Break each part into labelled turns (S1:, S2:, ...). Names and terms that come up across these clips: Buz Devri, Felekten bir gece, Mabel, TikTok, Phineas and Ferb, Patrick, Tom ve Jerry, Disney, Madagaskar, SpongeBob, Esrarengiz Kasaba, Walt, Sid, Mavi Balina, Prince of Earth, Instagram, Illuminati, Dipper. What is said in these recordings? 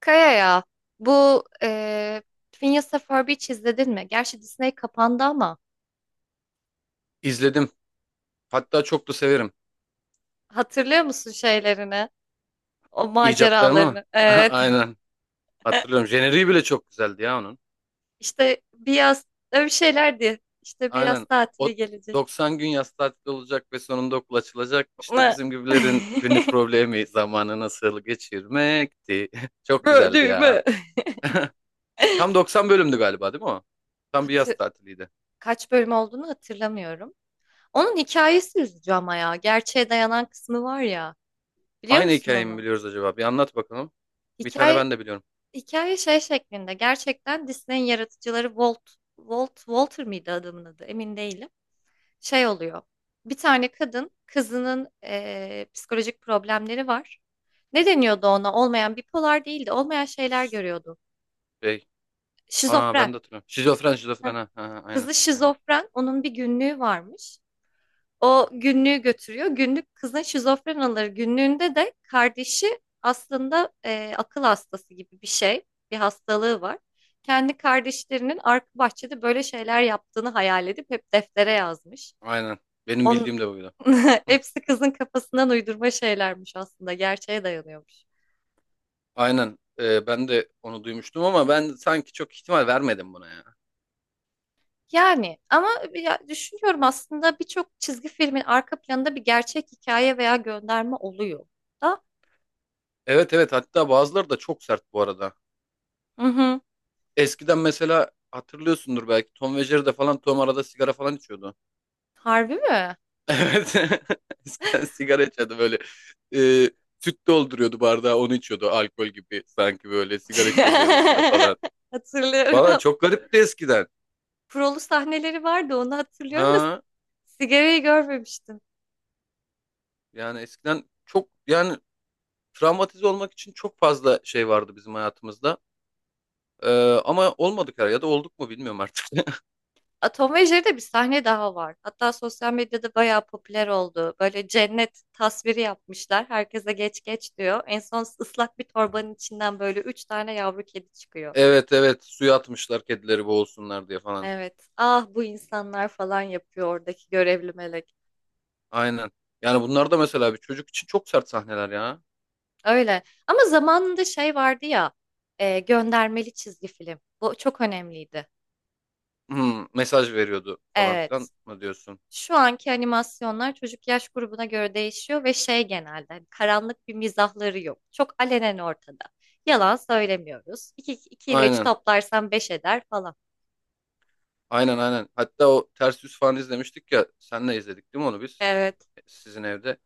S1: Kaya ya bu e, Phineas and Ferb hiç izledin mi? Gerçi Disney kapandı ama
S2: İzledim. Hatta çok da severim.
S1: hatırlıyor musun şeylerini? O
S2: İcatlarını mı?
S1: maceralarını. Evet.
S2: Aynen. Hatırlıyorum. Jeneriği bile çok güzeldi ya onun.
S1: İşte bir yaz öyle bir şeylerdi. İşte bir yaz
S2: Aynen.
S1: tatili
S2: O
S1: gelecek.
S2: 90 gün yaz tatili olacak ve sonunda okul açılacak. İşte bizim gibilerin günlük problemi zamanı nasıl geçirmekti. Çok güzeldi ya.
S1: Böldüğümü.
S2: Tam 90 bölümdü galiba, değil mi o? Tam bir yaz
S1: Hatı-
S2: tatiliydi.
S1: Kaç bölüm olduğunu hatırlamıyorum. Onun hikayesi üzücü ama ya. Gerçeğe dayanan kısmı var ya. Biliyor
S2: Aynı
S1: musun
S2: hikayeyi mi
S1: onu?
S2: biliyoruz acaba? Bir anlat bakalım. Bir tane
S1: Hikaye
S2: ben de biliyorum.
S1: Hikaye şey şeklinde gerçekten Disney'in yaratıcıları Walt, Walter mıydı adamın adı emin değilim. Şey oluyor bir tane kadın kızının psikolojik problemleri var. Ne deniyordu ona olmayan bipolar değildi olmayan şeyler görüyordu.
S2: Şey, ana
S1: Şizofren.
S2: ben de hatırlıyorum. Şizofren,
S1: Heh.
S2: şizofren. Ha, ha, ha, aynen,
S1: Kızı
S2: aynen.
S1: şizofren onun bir günlüğü varmış. O günlüğü götürüyor. Günlük kızın şizofren alır. Günlüğünde de kardeşi aslında akıl hastası gibi bir şey, bir hastalığı var. Kendi kardeşlerinin arka bahçede böyle şeyler yaptığını hayal edip hep deftere yazmış.
S2: Aynen. Benim bildiğim
S1: On
S2: de buydu.
S1: hepsi kızın kafasından uydurma şeylermiş aslında, gerçeğe dayanıyormuş.
S2: Aynen. Ben de onu duymuştum ama ben sanki çok ihtimal vermedim buna ya.
S1: Yani ama ya düşünüyorum aslında birçok çizgi filmin arka planında bir gerçek hikaye veya gönderme oluyor da.
S2: Evet, evet, hatta bazıları da çok sert bu arada.
S1: Hı hı.
S2: Eskiden mesela hatırlıyorsundur belki Tom ve Jerry'de falan Tom arada sigara falan içiyordu.
S1: Harbi mi?
S2: Evet. Eskiden sigara içiyordu böyle. Ee, Süt dolduruyordu bardağı, onu içiyordu alkol gibi, sanki böyle sigara içiyordu yanında falan. Valla
S1: Hatırlıyorum.
S2: çok garipti eskiden.
S1: Prolu sahneleri vardı onu hatırlıyorum da
S2: Ha
S1: sigarayı görmemiştim.
S2: Yani eskiden çok yani travmatize olmak için çok fazla şey vardı bizim hayatımızda. Ee, Ama olmadı kar ya da olduk mu bilmiyorum artık.
S1: A, Tom ve Jerry'de bir sahne daha var. Hatta sosyal medyada bayağı popüler oldu. Böyle cennet tasviri yapmışlar. Herkese geç geç diyor. En son ıslak bir torbanın içinden böyle üç tane yavru kedi çıkıyor.
S2: Evet, evet, suya atmışlar kedileri boğulsunlar diye falan.
S1: Evet. Ah bu insanlar falan yapıyor oradaki görevli melek.
S2: Aynen. Yani bunlar da mesela bir çocuk için çok sert sahneler ya.
S1: Öyle. Ama zamanında şey vardı ya. Göndermeli çizgi film. Bu çok önemliydi.
S2: Hmm, mesaj veriyordu falan filan
S1: Evet.
S2: mı diyorsun?
S1: Şu anki animasyonlar çocuk yaş grubuna göre değişiyor ve şey genelde hani karanlık bir mizahları yok. Çok alenen ortada. Yalan söylemiyoruz. 2, iki ile 3
S2: Aynen.
S1: toplarsan 5 eder falan.
S2: Aynen, aynen. Hatta o ters yüz falan izlemiştik ya. Senle izledik değil mi onu biz?
S1: Evet.
S2: Sizin evde.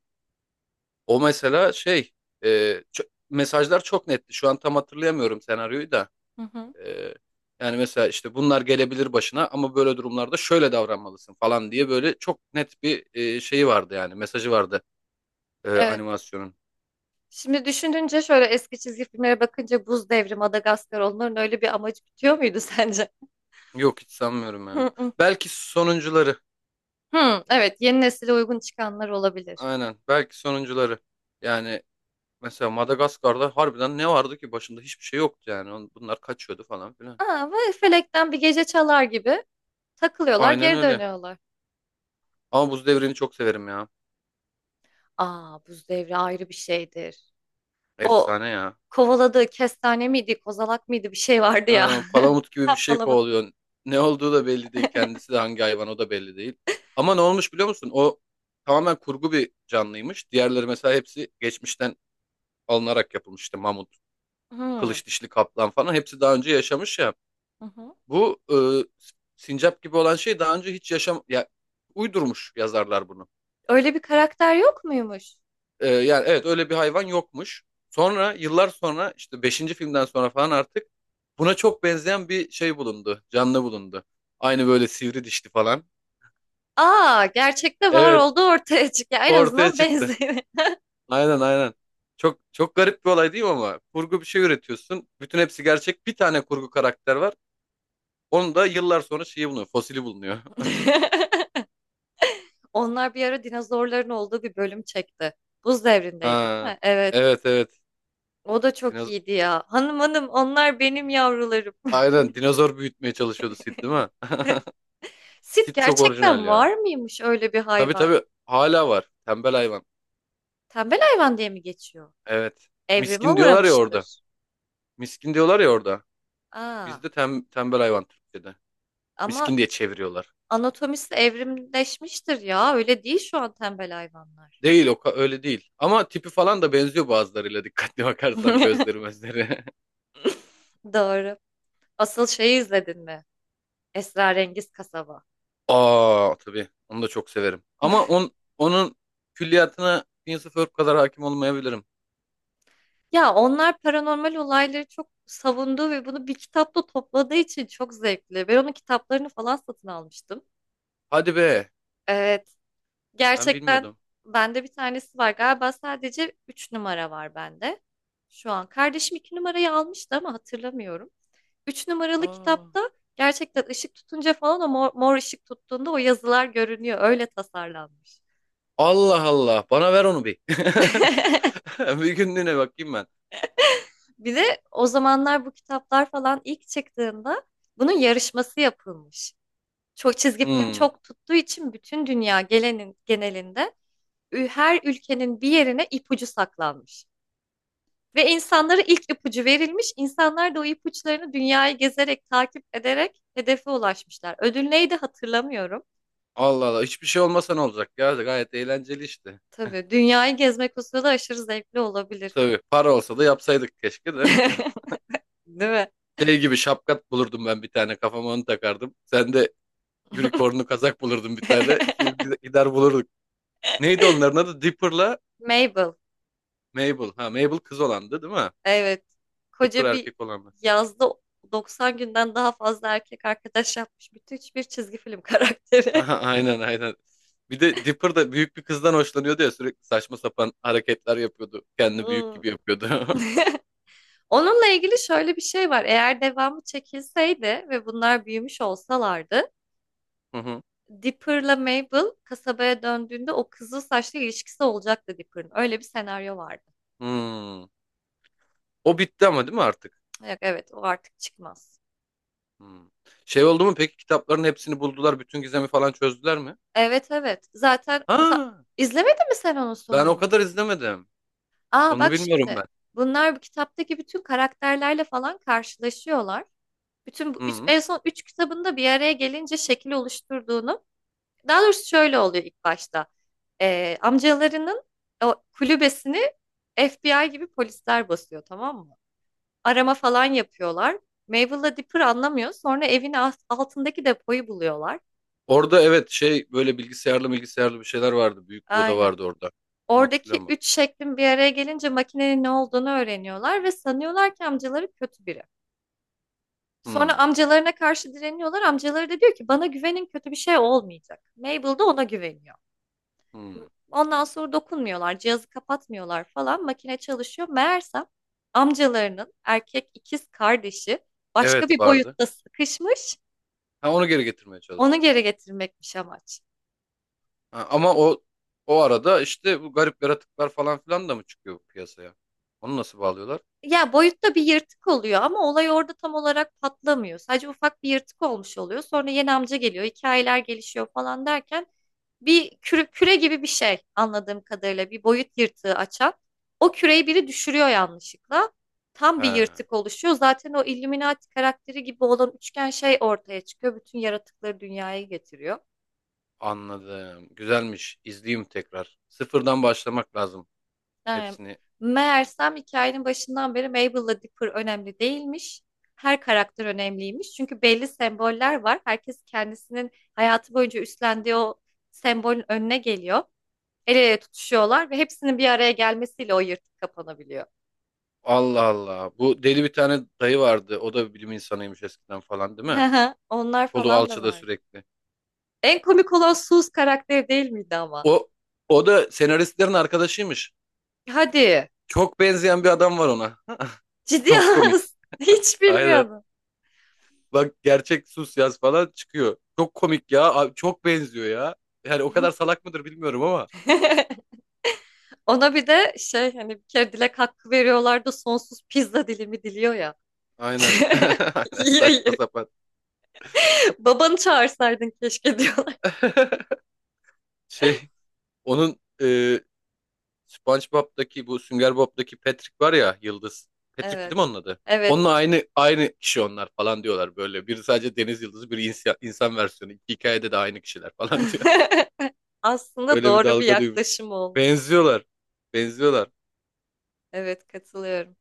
S2: O mesela şey e, mesajlar çok netti. Şu an tam hatırlayamıyorum senaryoyu da.
S1: Hı hı.
S2: Ee, Yani mesela işte bunlar gelebilir başına ama böyle durumlarda şöyle davranmalısın falan diye böyle çok net bir şeyi vardı, yani mesajı vardı
S1: Evet.
S2: animasyonun.
S1: Şimdi düşününce şöyle eski çizgi filmlere bakınca Buz Devri, Madagaskar onların öyle bir amacı bitiyor muydu sence?
S2: Yok, hiç sanmıyorum ya.
S1: Hı hı.
S2: Belki sonuncuları.
S1: Hı, evet yeni nesile uygun çıkanlar olabilir.
S2: Aynen. Belki sonuncuları. Yani mesela Madagaskar'da harbiden ne vardı ki başında, hiçbir şey yoktu yani. Bunlar kaçıyordu falan filan.
S1: Aa, ve Felekten bir gece çalar gibi takılıyorlar
S2: Aynen
S1: geri
S2: öyle.
S1: dönüyorlar.
S2: Ama Buz Devri'ni çok severim ya.
S1: Aa Buz Devri ayrı bir şeydir. O
S2: Efsane ya.
S1: kovaladığı kestane miydi, kozalak mıydı bir şey vardı ya.
S2: Ha, palamut gibi bir
S1: Ha,
S2: şey
S1: palamut.
S2: kovalıyor. Ne olduğu da belli değil. Kendisi de hangi hayvan o da belli değil. Ama ne olmuş biliyor musun? O tamamen kurgu bir canlıymış. Diğerleri mesela hepsi geçmişten alınarak yapılmıştı. Mamut,
S1: Hmm,
S2: kılıç dişli kaplan falan hepsi daha önce yaşamış ya.
S1: hı hı.
S2: Bu sincap gibi olan şey daha önce hiç yaşam ya, uydurmuş yazarlar bunu.
S1: Öyle bir karakter yok muymuş?
S2: Yani evet, öyle bir hayvan yokmuş. Sonra yıllar sonra işte beşinci filmden sonra falan artık buna çok benzeyen bir şey bulundu. Canlı bulundu. Aynı böyle sivri dişli falan.
S1: Aa, gerçekte var
S2: Evet,
S1: oldu ortaya çıkıyor. En
S2: ortaya
S1: azından
S2: çıktı.
S1: benziyor.
S2: Aynen, aynen. Çok çok garip bir olay değil mi ama? Kurgu bir şey üretiyorsun. Bütün hepsi gerçek. Bir tane kurgu karakter var. Onu da yıllar sonra şeyi bulunuyor. Fosili bulunuyor.
S1: Onlar bir ara dinozorların olduğu bir bölüm çekti. Buz devrindeydi değil
S2: Ha,
S1: mi? Evet.
S2: evet, evet.
S1: O da çok
S2: Dinoz
S1: iyiydi ya. Hanım hanım onlar benim yavrularım.
S2: Aynen, dinozor büyütmeye çalışıyordu Sid değil mi?
S1: Sit
S2: Sid çok orijinal
S1: gerçekten
S2: ya.
S1: var mıymış öyle bir
S2: Tabii
S1: hayvan?
S2: tabii, hala var. Tembel hayvan.
S1: Tembel hayvan diye mi geçiyor?
S2: Evet.
S1: Evrime
S2: Miskin diyorlar ya orada.
S1: uğramıştır.
S2: Miskin diyorlar ya orada.
S1: Aa,
S2: Bizde tembel hayvan Türkçe'de.
S1: ama
S2: Miskin diye çeviriyorlar.
S1: anatomisi evrimleşmiştir ya. Öyle değil şu an tembel hayvanlar.
S2: Değil, öyle değil. Ama tipi falan da benziyor bazılarıyla, dikkatli bakarsan gözleri mözleri.
S1: Doğru. Asıl şeyi izledin mi? Esrarengiz Kasaba.
S2: Aa tabii, onu da çok severim. Onun külliyatına Prince of Earth kadar hakim olmayabilirim.
S1: Ya onlar paranormal olayları çok savundu ve bunu bir kitapta topladığı için çok zevkli. Ben onun kitaplarını falan satın almıştım.
S2: Hadi be,
S1: Evet.
S2: ben
S1: Gerçekten
S2: bilmiyordum.
S1: bende bir tanesi var. Galiba sadece 3 numara var bende. Şu an kardeşim 2 numarayı almıştı ama hatırlamıyorum. Üç numaralı
S2: Aa,
S1: kitapta gerçekten ışık tutunca falan o mor, mor ışık tuttuğunda o yazılar görünüyor. Öyle tasarlanmış.
S2: Allah Allah, bana ver onu bir. Bir günlüğüne bakayım ben.
S1: Bir de o zamanlar bu kitaplar falan ilk çıktığında bunun yarışması yapılmış. Çok çizgi film
S2: Hmm,
S1: çok tuttuğu için bütün dünya gelenin genelinde her ülkenin bir yerine ipucu saklanmış. Ve insanlara ilk ipucu verilmiş. İnsanlar da o ipuçlarını dünyayı gezerek, takip ederek hedefe ulaşmışlar. Ödül neydi hatırlamıyorum.
S2: Allah Allah, hiçbir şey olmasa ne olacak ya, gayet eğlenceli işte.
S1: Tabii dünyayı gezmek o sırada aşırı zevkli olabilir.
S2: Tabii para olsa da yapsaydık keşke de.
S1: Değil mi?
S2: Şey gibi şapkat bulurdum ben bir tane kafama, onu takardım. Sen de unicornlu kazak bulurdun bir tane. İkimiz gider bulurduk. Neydi onların adı? Dipper'la
S1: Mabel.
S2: Mabel. Ha, Mabel kız olandı değil mi?
S1: Evet.
S2: Dipper
S1: Koca bir
S2: erkek olandı.
S1: yazda 90 günden daha fazla erkek arkadaş yapmış bütün bir çizgi film karakteri.
S2: Aha, aynen, aynen. Bir de Dipper da büyük bir kızdan hoşlanıyordu ya, sürekli saçma sapan hareketler yapıyordu. Kendini büyük
S1: Hmm.
S2: gibi yapıyordu.
S1: Onunla ilgili şöyle bir şey var. Eğer devamı çekilseydi ve bunlar büyümüş olsalardı,
S2: Hı hı.
S1: Dipper'la Mabel kasabaya döndüğünde o kızıl saçlı ilişkisi olacaktı Dipper'ın. Öyle bir senaryo vardı.
S2: Hmm. O bitti ama değil mi artık?
S1: Yok, evet o artık çıkmaz.
S2: Hmm. Şey oldu mu peki, kitapların hepsini buldular, bütün gizemi falan çözdüler mi?
S1: Evet evet. Zaten
S2: Ha,
S1: izlemedin mi sen onun
S2: ben o
S1: sonunu?
S2: kadar izlemedim.
S1: Aa
S2: Sonunu
S1: bak
S2: bilmiyorum
S1: şimdi.
S2: ben.
S1: Bunlar bu kitaptaki bütün karakterlerle falan karşılaşıyorlar. Bütün bu üç,
S2: Hı.
S1: en son üç kitabında bir araya gelince şekil oluşturduğunu. Daha doğrusu şöyle oluyor ilk başta. Amcalarının o kulübesini FBI gibi polisler basıyor tamam mı? Arama falan yapıyorlar. Mabel'la Dipper anlamıyor. Sonra evin altındaki depoyu buluyorlar.
S2: Orada evet, şey böyle bilgisayarlı bir şeyler vardı. Büyük bir oda
S1: Aynen.
S2: vardı orada. Bunu
S1: Oradaki
S2: hatırlıyorum bak.
S1: üç şeklin bir araya gelince makinenin ne olduğunu öğreniyorlar ve sanıyorlar ki amcaları kötü biri. Sonra
S2: Hı.
S1: amcalarına karşı direniyorlar. Amcaları da diyor ki bana güvenin kötü bir şey olmayacak. Mabel de ona güveniyor.
S2: Hı.
S1: Ondan sonra dokunmuyorlar, cihazı kapatmıyorlar falan. Makine çalışıyor. Meğersem amcalarının erkek ikiz kardeşi başka
S2: Evet,
S1: bir
S2: vardı.
S1: boyutta sıkışmış.
S2: Ha, onu geri getirmeye
S1: Onu
S2: çalışıyor.
S1: geri getirmekmiş amaç.
S2: Ha, ama o arada işte bu garip yaratıklar falan filan da mı çıkıyor piyasaya? Onu nasıl bağlıyorlar?
S1: Ya boyutta bir yırtık oluyor ama olay orada tam olarak patlamıyor. Sadece ufak bir yırtık olmuş oluyor. Sonra yeni amca geliyor, hikayeler gelişiyor falan derken bir küre gibi bir şey anladığım kadarıyla bir boyut yırtığı açan. O küreyi biri düşürüyor yanlışlıkla. Tam
S2: He,
S1: bir yırtık oluşuyor. Zaten o Illuminati karakteri gibi olan üçgen şey ortaya çıkıyor. Bütün yaratıkları dünyaya getiriyor.
S2: anladım. Güzelmiş. İzleyeyim tekrar. Sıfırdan başlamak lazım
S1: Evet.
S2: hepsini.
S1: Meğersem hikayenin başından beri Mabel'la Dipper önemli değilmiş. Her karakter önemliymiş. Çünkü belli semboller var. Herkes kendisinin hayatı boyunca üstlendiği o sembolün önüne geliyor. El ele tutuşuyorlar ve hepsinin bir araya gelmesiyle o yırtık kapanabiliyor.
S2: Allah Allah. Bu deli bir tane dayı vardı. O da bir bilim insanıymış eskiden falan değil mi?
S1: Onlar
S2: Kolu
S1: falan da
S2: alçıda
S1: vardı.
S2: sürekli.
S1: En komik olan Sus karakteri değil miydi ama?
S2: O O da senaristlerin arkadaşıymış.
S1: Hadi.
S2: Çok benzeyen bir adam var ona.
S1: Ciddi
S2: Çok komik.
S1: olamazsın. Hiç
S2: Aynen.
S1: bilmiyordum.
S2: Bak, gerçek sus yaz falan çıkıyor. Çok komik ya. Abi, çok benziyor ya. Yani o kadar salak mıdır bilmiyorum ama.
S1: Ona bir de şey hani bir kere dilek hakkı veriyorlar da sonsuz pizza dilimi diliyor ya.
S2: Aynen. Aynen,
S1: Yiyor,
S2: saçma
S1: yiyor.
S2: sapan.
S1: Babanı çağırsaydın keşke diyorlar.
S2: Şey, onun SpongeBob'daki, bu Sünger Bob'daki Patrick var ya, yıldız. Patrick
S1: Evet.
S2: dedim onun adı.
S1: Evet.
S2: Onunla aynı kişi onlar falan diyorlar böyle. Biri sadece deniz yıldızı, biri insan, insan versiyonu. İki hikayede de aynı kişiler falan diyor.
S1: Aslında
S2: Öyle bir
S1: doğru bir
S2: dalga duymuş.
S1: yaklaşım olmuş.
S2: Benziyorlar. Benziyorlar.
S1: Evet katılıyorum.